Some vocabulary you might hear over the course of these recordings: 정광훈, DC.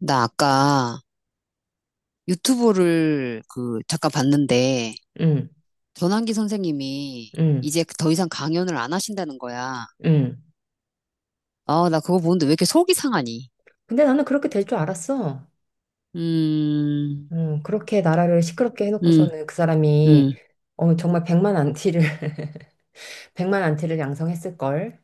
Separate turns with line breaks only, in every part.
나 아까 유튜브를 그 잠깐 봤는데
응,
전환기 선생님이
응,
이제 더 이상 강연을 안 하신다는 거야.
응.
아, 나 그거 보는데 왜 이렇게 속이 상하니?
근데 나는 그렇게 될 줄 알았어.
음,
응, 그렇게 나라를 시끄럽게
음,
해놓고서는 그 사람이
음,
정말 100만 안티를, 100만 안티를 양성했을걸.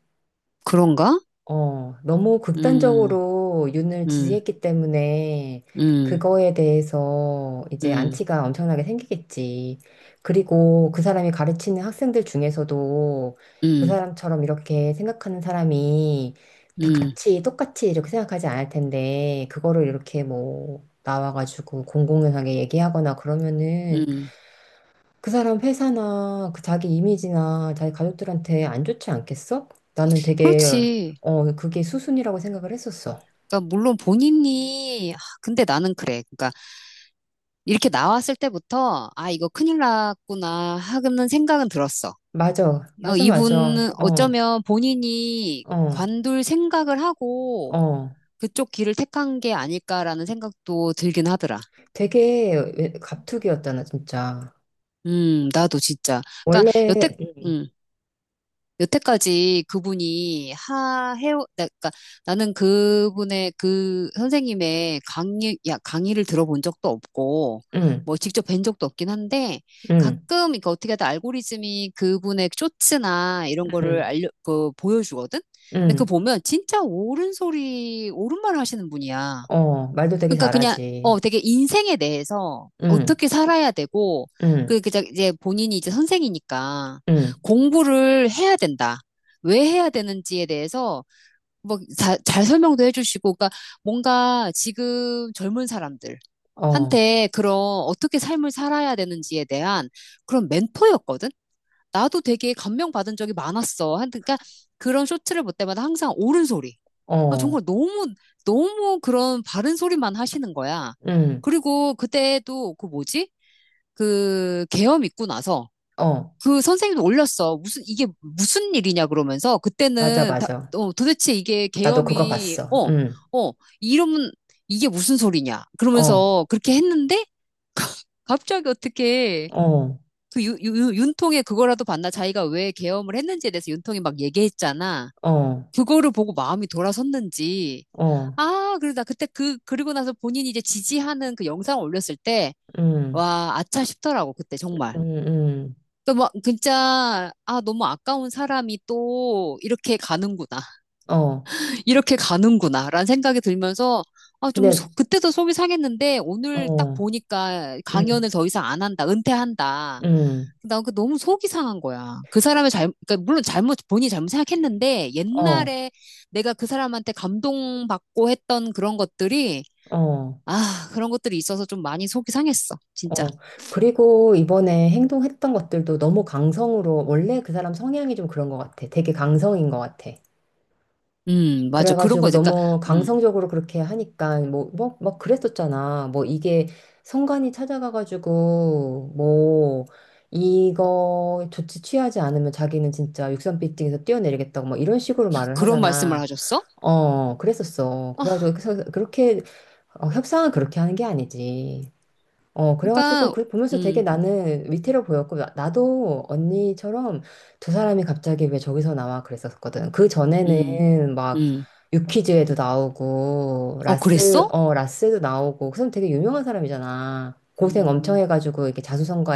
그런가?
너무
음,
극단적으로 윤을
음,
지지했기 때문에
음,
그거에 대해서 이제
음,
안티가 엄청나게 생기겠지. 그리고 그 사람이 가르치는 학생들 중에서도 그
음,
사람처럼 이렇게 생각하는 사람이 다
음,
같이 똑같이 이렇게 생각하지 않을 텐데 그거를 이렇게 뭐 나와가지고 공공연하게 얘기하거나 그러면은
음.
그 사람 회사나 그 자기 이미지나 자기 가족들한테 안 좋지 않겠어? 나는 되게
그렇지.
그게 수순이라고 생각을 했었어.
그러니까 물론 본인이 아, 근데 나는 그래. 그러니까 이렇게 나왔을 때부터 아, 이거 큰일 났구나 하는 생각은 들었어.
맞아,
어,
맞아, 맞아.
이분은
어,
어쩌면 본인이
어,
관둘 생각을 하고
어.
그쪽 길을 택한 게 아닐까라는 생각도 들긴 하더라.
되게 갑툭이었잖아, 진짜.
나도 진짜. 그러니까
원래
여태,
응,
음, 여태까지 그분이 그러니까 나는 그분의 그 선생님의 강의를 들어본 적도 없고,
응,
뭐 직접 뵌 적도 없긴 한데,
응,
가끔, 이거 어떻게 하다 알고리즘이 그분의 쇼츠나 이런 거를
응,
보여주거든? 근데 그거
응.
보면 진짜 옳은 소리, 옳은 말 하시는 분이야.
어, 말도 되게
그러니까 그냥
잘하지.
되게 인생에 대해서
응,
어떻게 살아야 되고
응,
그저 이제 본인이 이제 선생이니까
응.
공부를 해야 된다. 왜 해야 되는지에 대해서 뭐잘 설명도 해주시고 그러니까 뭔가 지금 젊은 사람들한테
어,
그런 어떻게 삶을 살아야 되는지에 대한 그런 멘토였거든. 나도 되게 감명받은 적이 많았어. 그러니까 그런 쇼트를 볼 때마다 항상 옳은 소리. 아,
어,
정말 너무, 너무 그런 바른 소리만 하시는 거야.
응,
그리고 그때도 그 뭐지? 그 계엄 있고 나서
어.
그 선생님도 올렸어. 무슨, 이게 무슨 일이냐 그러면서
맞아,
그때는 다,
맞아.
어, 도대체 이게
나도 그거
계엄이,
봤어.
어,
응,
어, 이러면 이게 무슨 소리냐.
어,
그러면서 그렇게 했는데 갑자기 어떻게
어,
그 윤통에 그거라도 봤나? 자기가 왜 계엄을 했는지에 대해서 윤통이 막 얘기했잖아.
어.
그거를 보고 마음이 돌아섰는지.
어,
아, 그래서 나 그때 그리고 나서 본인이 이제 지지하는 그 영상을 올렸을 때,
음,
와, 아차 싶더라고, 그때 정말.
음,
또 막, 진짜, 아, 너무 아까운 사람이 또 이렇게 가는구나.
어.
이렇게 가는구나. 라는 생각이 들면서, 아, 좀,
근데,
그때도 속이 상했는데, 오늘 딱
어,
보니까
음,
강연을 더 이상 안 한다. 은퇴한다.
음,
나 그 너무 속이 상한 거야. 그 사람의 그러니까 물론 잘못, 본인이 잘못 생각했는데
어,
옛날에 내가 그 사람한테 감동받고 했던 그런 것들이,
어,
아, 그런 것들이 있어서 좀 많이 속이 상했어. 진짜.
어. 그리고 이번에 행동했던 것들도 너무 강성으로, 원래 그 사람 성향이 좀 그런 것 같아. 되게 강성인 것 같아.
맞아. 그런 거,
그래가지고
이제, 그러니까,
너무
음,
강성적으로 그렇게 하니까, 뭐, 막 그랬었잖아. 뭐 이게 성관이 찾아가가지고, 뭐, 이거 조치 취하지 않으면 자기는 진짜 63빌딩에서 뛰어내리겠다고 막 이런 식으로 말을
그런 말씀을
하잖아.
하셨어?
어, 그랬었어.
아,
그래가지고 그래서 그렇게 협상은 그렇게 하는 게 아니지. 어, 그래가지고
그러니까,
그 보면서 되게
음,
나는 위태로 보였고, 나도 언니처럼 두 사람이 갑자기 왜 저기서 나와 그랬었거든. 그
음,
전에는 막
음.
유퀴즈에도 나오고,
어, 그랬어?
라스도 나오고, 그 사람 되게 유명한 사람이잖아. 고생 엄청
음,
해가지고 이렇게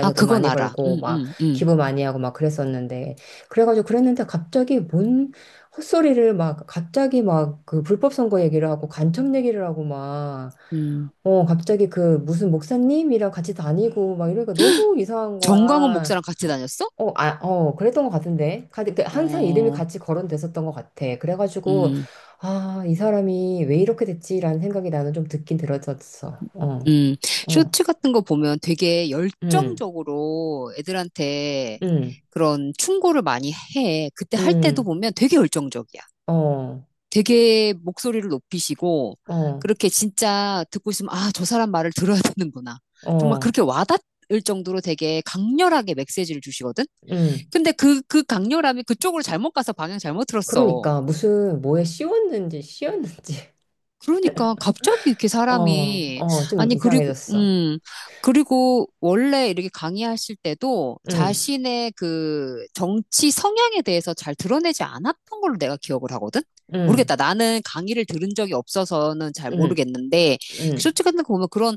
아,
돈
그건
많이
알아.
벌고
음,
막
음, 음,
기부 많이 하고 막 그랬었는데 그래가지고 그랬는데 갑자기 뭔 헛소리를 막 갑자기 막 그 불법 선거 얘기를 하고 간첩 얘기를 하고 막
음.
어, 갑자기 그 무슨 목사님이랑 같이 다니고 막 이러니까 너무 이상한
정광훈
거야.
목사랑 같이 다녔어?
어, 아, 어, 그랬던 것 같은데. 그 항상 이름이
어,
같이 거론됐었던 것 같아. 그래가지고,
음.
아, 이 사람이 왜 이렇게 됐지라는 생각이 나는 좀 듣긴 들었었어. 어,
음,
어,
쇼츠 같은 거 보면 되게
음,
열정적으로 애들한테
음,
그런 충고를 많이 해. 그때 할 때도
음,
보면 되게 열정적이야.
어,
되게 목소리를 높이시고,
어,
그렇게 진짜 듣고 있으면, 아, 저 사람 말을 들어야 되는구나. 정말
어,
그렇게 와닿을 정도로 되게 강렬하게 메시지를 주시거든?
음.
근데 그 강렬함이 그쪽으로 잘못 가서 방향 잘못 들었어.
그러니까 무슨 뭐에 씌웠는지.
그러니까 갑자기 이렇게
어,
사람이
어, 좀
아니 그리고
이상해졌어.
그리고 원래 이렇게 강의하실 때도
음,
자신의 그 정치 성향에 대해서 잘 드러내지 않았던 걸로 내가 기억을 하거든.
음,
모르겠다. 나는 강의를 들은 적이 없어서는 잘
음,
모르겠는데
음,
솔직히 거 보면 그런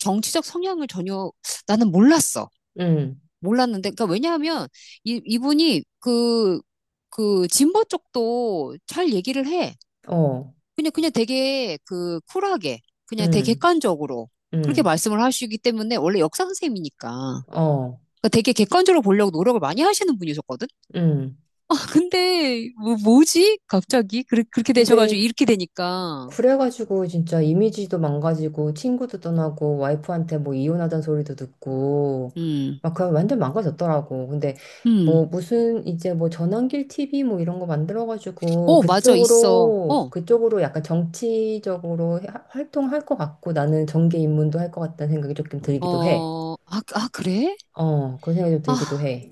정치적 성향을 전혀 나는 몰랐어.
음,
몰랐는데 그러니까 왜냐하면 이 이분이 그 그 진보 쪽도 잘 얘기를 해.
어.
그냥, 그냥 되게 그 쿨하게, 그냥 되게
음,
객관적으로 그렇게
음,
말씀을 하시기 때문에 원래 역사 선생님이니까.
어,
그러니까 되게 객관적으로 보려고 노력을 많이 하시는 분이셨거든?
음.
근데, 뭐, 지 갑자기? 그렇게 되셔가지고
근데
이렇게 되니까.
그래가지고 진짜 이미지도 망가지고 친구도 떠나고 와이프한테 뭐 이혼하자는 소리도 듣고
음.
막 그냥 완전 망가졌더라고. 근데
음.
뭐 무슨 이제 뭐 전환길 TV 뭐 이런 거 만들어가지고
어, 맞아, 있어.
그쪽으로
어,
그쪽으로 약간 정치적으로 활동할 것 같고 나는 정계 입문도 할 것 같다는 생각이 조금 들기도 해.
어, 아, 아, 그래?
어, 그런 생각이 좀
아,
들기도 해.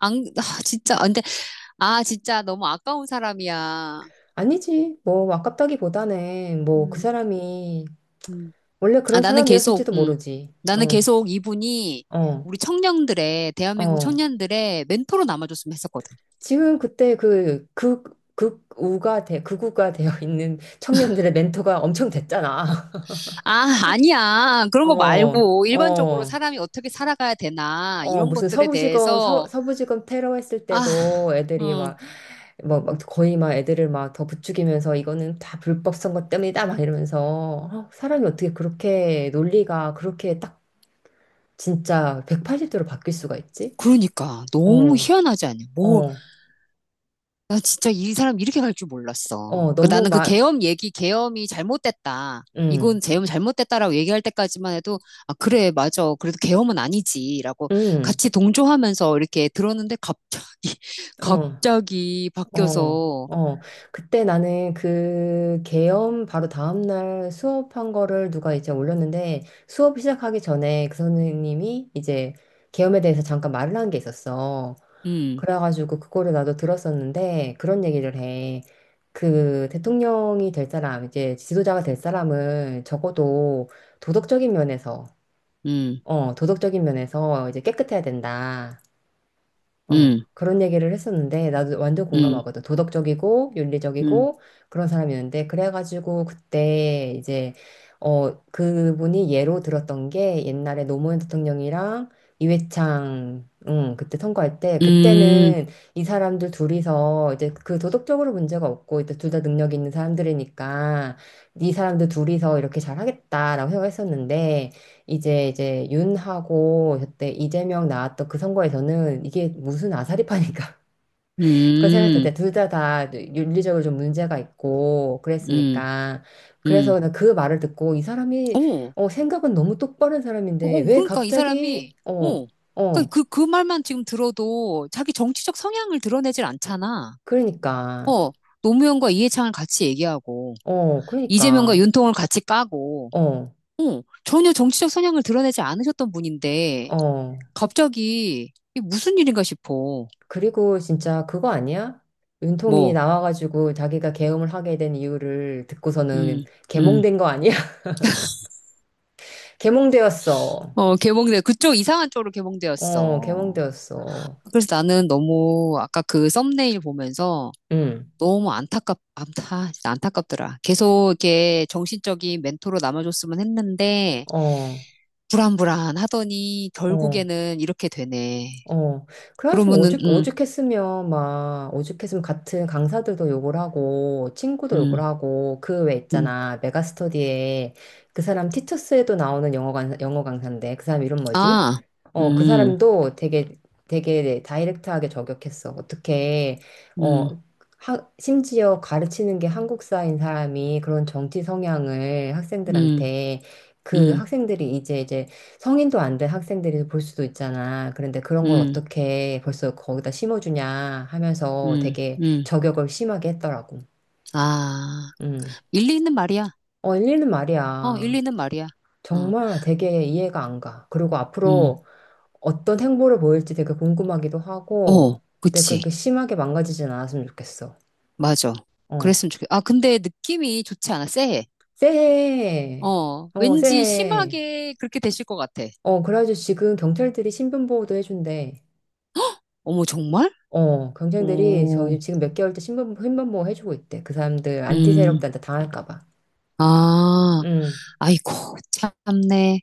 안, 아, 진짜, 아, 근데, 아, 진짜 너무 아까운 사람이야.
아니지, 뭐, 아깝다기보다는, 뭐, 그
음.
사람이
음.
원래
아,
그런
나는 계속,
사람이었을지도 모르지. 어,
나는 계속 이분이
어,
우리 대한민국
어.
청년들의 멘토로 남아줬으면 했었거든.
지금 그때 극우가 되어 있는 청년들의 멘토가 엄청 됐잖아.
아, 아니야. 그런 거
어,
말고 일반적으로
어,
사람이 어떻게 살아가야 되나,
어,
이런
무슨
것들에 대해서,
서부지검 테러 했을
아,
때도 애들이
음,
막, 뭐, 막 거의 막 애들을 막 더 부추기면서 이거는 다 불법 선거 때문이다 막 이러면서 어, 사람이 어떻게 그렇게 논리가 그렇게 딱 진짜 180도로 바뀔 수가 있지?
그러니까. 너무
어,
희한하지 않냐. 뭐,
어,
나 진짜 이 사람 이렇게 갈 줄 몰랐어.
어,
그 나는 그 계엄 얘기, 계엄이 잘못됐다. 이건
음,
계엄 잘못됐다라고 얘기할 때까지만 해도 아 그래 맞아. 그래도 계엄은 아니지라고
음,
같이 동조하면서 이렇게 들었는데 갑자기
어,
갑자기
어,
바뀌어서
어. 그때 나는 그 계엄 바로 다음날 수업한 거를 누가 이제 올렸는데 수업 시작하기 전에 그 선생님이 이제 계엄에 대해서 잠깐 말을 한 게 있었어.
음,
그래가지고 그거를 나도 들었었는데 그런 얘기를 해. 그 대통령이 될 사람, 이제 지도자가 될 사람은 적어도 도덕적인 면에서,
음,
도덕적인 면에서 이제 깨끗해야 된다. 어,
음,
그런 얘기를 했었는데 나도 완전
음,
공감하거든. 도덕적이고
음,
윤리적이고 그런 사람이었는데 그래가지고 그때 이제 그분이 예로 들었던 게 옛날에 노무현 대통령이랑 이회창 응, 그때 선거할 때
음,
그때는 이 사람들 둘이서 이제 그 도덕적으로 문제가 없고 이제 둘 다 능력 있는 사람들이니까 이 사람들 둘이서 이렇게 잘하겠다라고 생각했었는데 이제 윤하고 그때 이재명 나왔던 그 선거에서는 이게 무슨 아사리파니까 그거 생각했을
음,
때 둘 다 윤리적으로 좀 문제가 있고
음,
그랬으니까 그래서
음.
그냥 그 말을 듣고 이 사람이
오,
생각은 너무 똑바른 사람인데
오,
왜
그러니까 이 사람이
갑자기 어
오, 그그
어
그그 말만 지금 들어도 자기 정치적 성향을 드러내질 않잖아.
그러니까
어, 노무현과 이해창을 같이 얘기하고,
어
이재명과
그러니까
윤통을 같이 까고,
어
어, 전혀 정치적 성향을 드러내지 않으셨던 분인데,
어
갑자기, 이게 무슨 일인가 싶어.
그리고 진짜 그거 아니야? 윤통이
뭐,
나와가지고 자기가 계엄을 하게 된 이유를 듣고서는
음. 음.
개몽된 거 아니야? 개몽되었어.
어, 개봉돼. 그쪽 이상한 쪽으로
어,
개봉되었어.
개몽되었어.
그래서 나는 너무, 아까 그 썸네일 보면서,
응,
너무 진짜 안타깝더라. 계속 이렇게 정신적인 멘토로 남아줬으면 했는데,
어,
불안불안 하더니,
어.
결국에는 이렇게 되네.
어, 그래가지고
그러면은,
오죽했으면 막, 오죽했으면 같은 강사들도 욕을 하고, 친구도 욕을
음.
하고, 그 외
음.
있잖아, 메가스터디에 그 사람 티투스에도 나오는 영어 강사인데, 그 사람 이름 뭐지?
아,
어, 그
음,
사람도 되게 다이렉트하게 저격했어. 어떻게,
음,
어, 하, 심지어 가르치는 게 한국사인 사람이 그런 정치 성향을
음,
학생들한테 그
음,
학생들이 이제 성인도 안 된 학생들이 볼 수도 있잖아. 그런데 그런 걸
음,
어떻게 벌써 거기다 심어주냐 하면서
음,
되게
음.
저격을 심하게 했더라고.
아,
음.
일리 있는 말이야.
어, 일리는
어, 일리
말이야.
있는 말이야. 어,
정말 되게 이해가 안 가. 그리고
음,
앞으로 어떤 행보를 보일지 되게 궁금하기도 하고,
어,
근데
그치.
그렇게 심하게 망가지진 않았으면 좋겠어.
맞아.
어.
그랬으면 좋겠, 아, 근데 느낌이 좋지 않아. 쎄해.
새해.
어,
어,
왠지
새해.
심하게 그렇게 되실 것 같아.
어, 그래가지고 지금 경찰들이 신변보호도 해준대.
어머, 정말?
어, 경쟁들이
오,
저희 지금 몇 개월째 신변보호 해주고 있대. 그 사람들 안티
음,
세력들한테 당할까 봐.
아,
음.
아이고, 참네.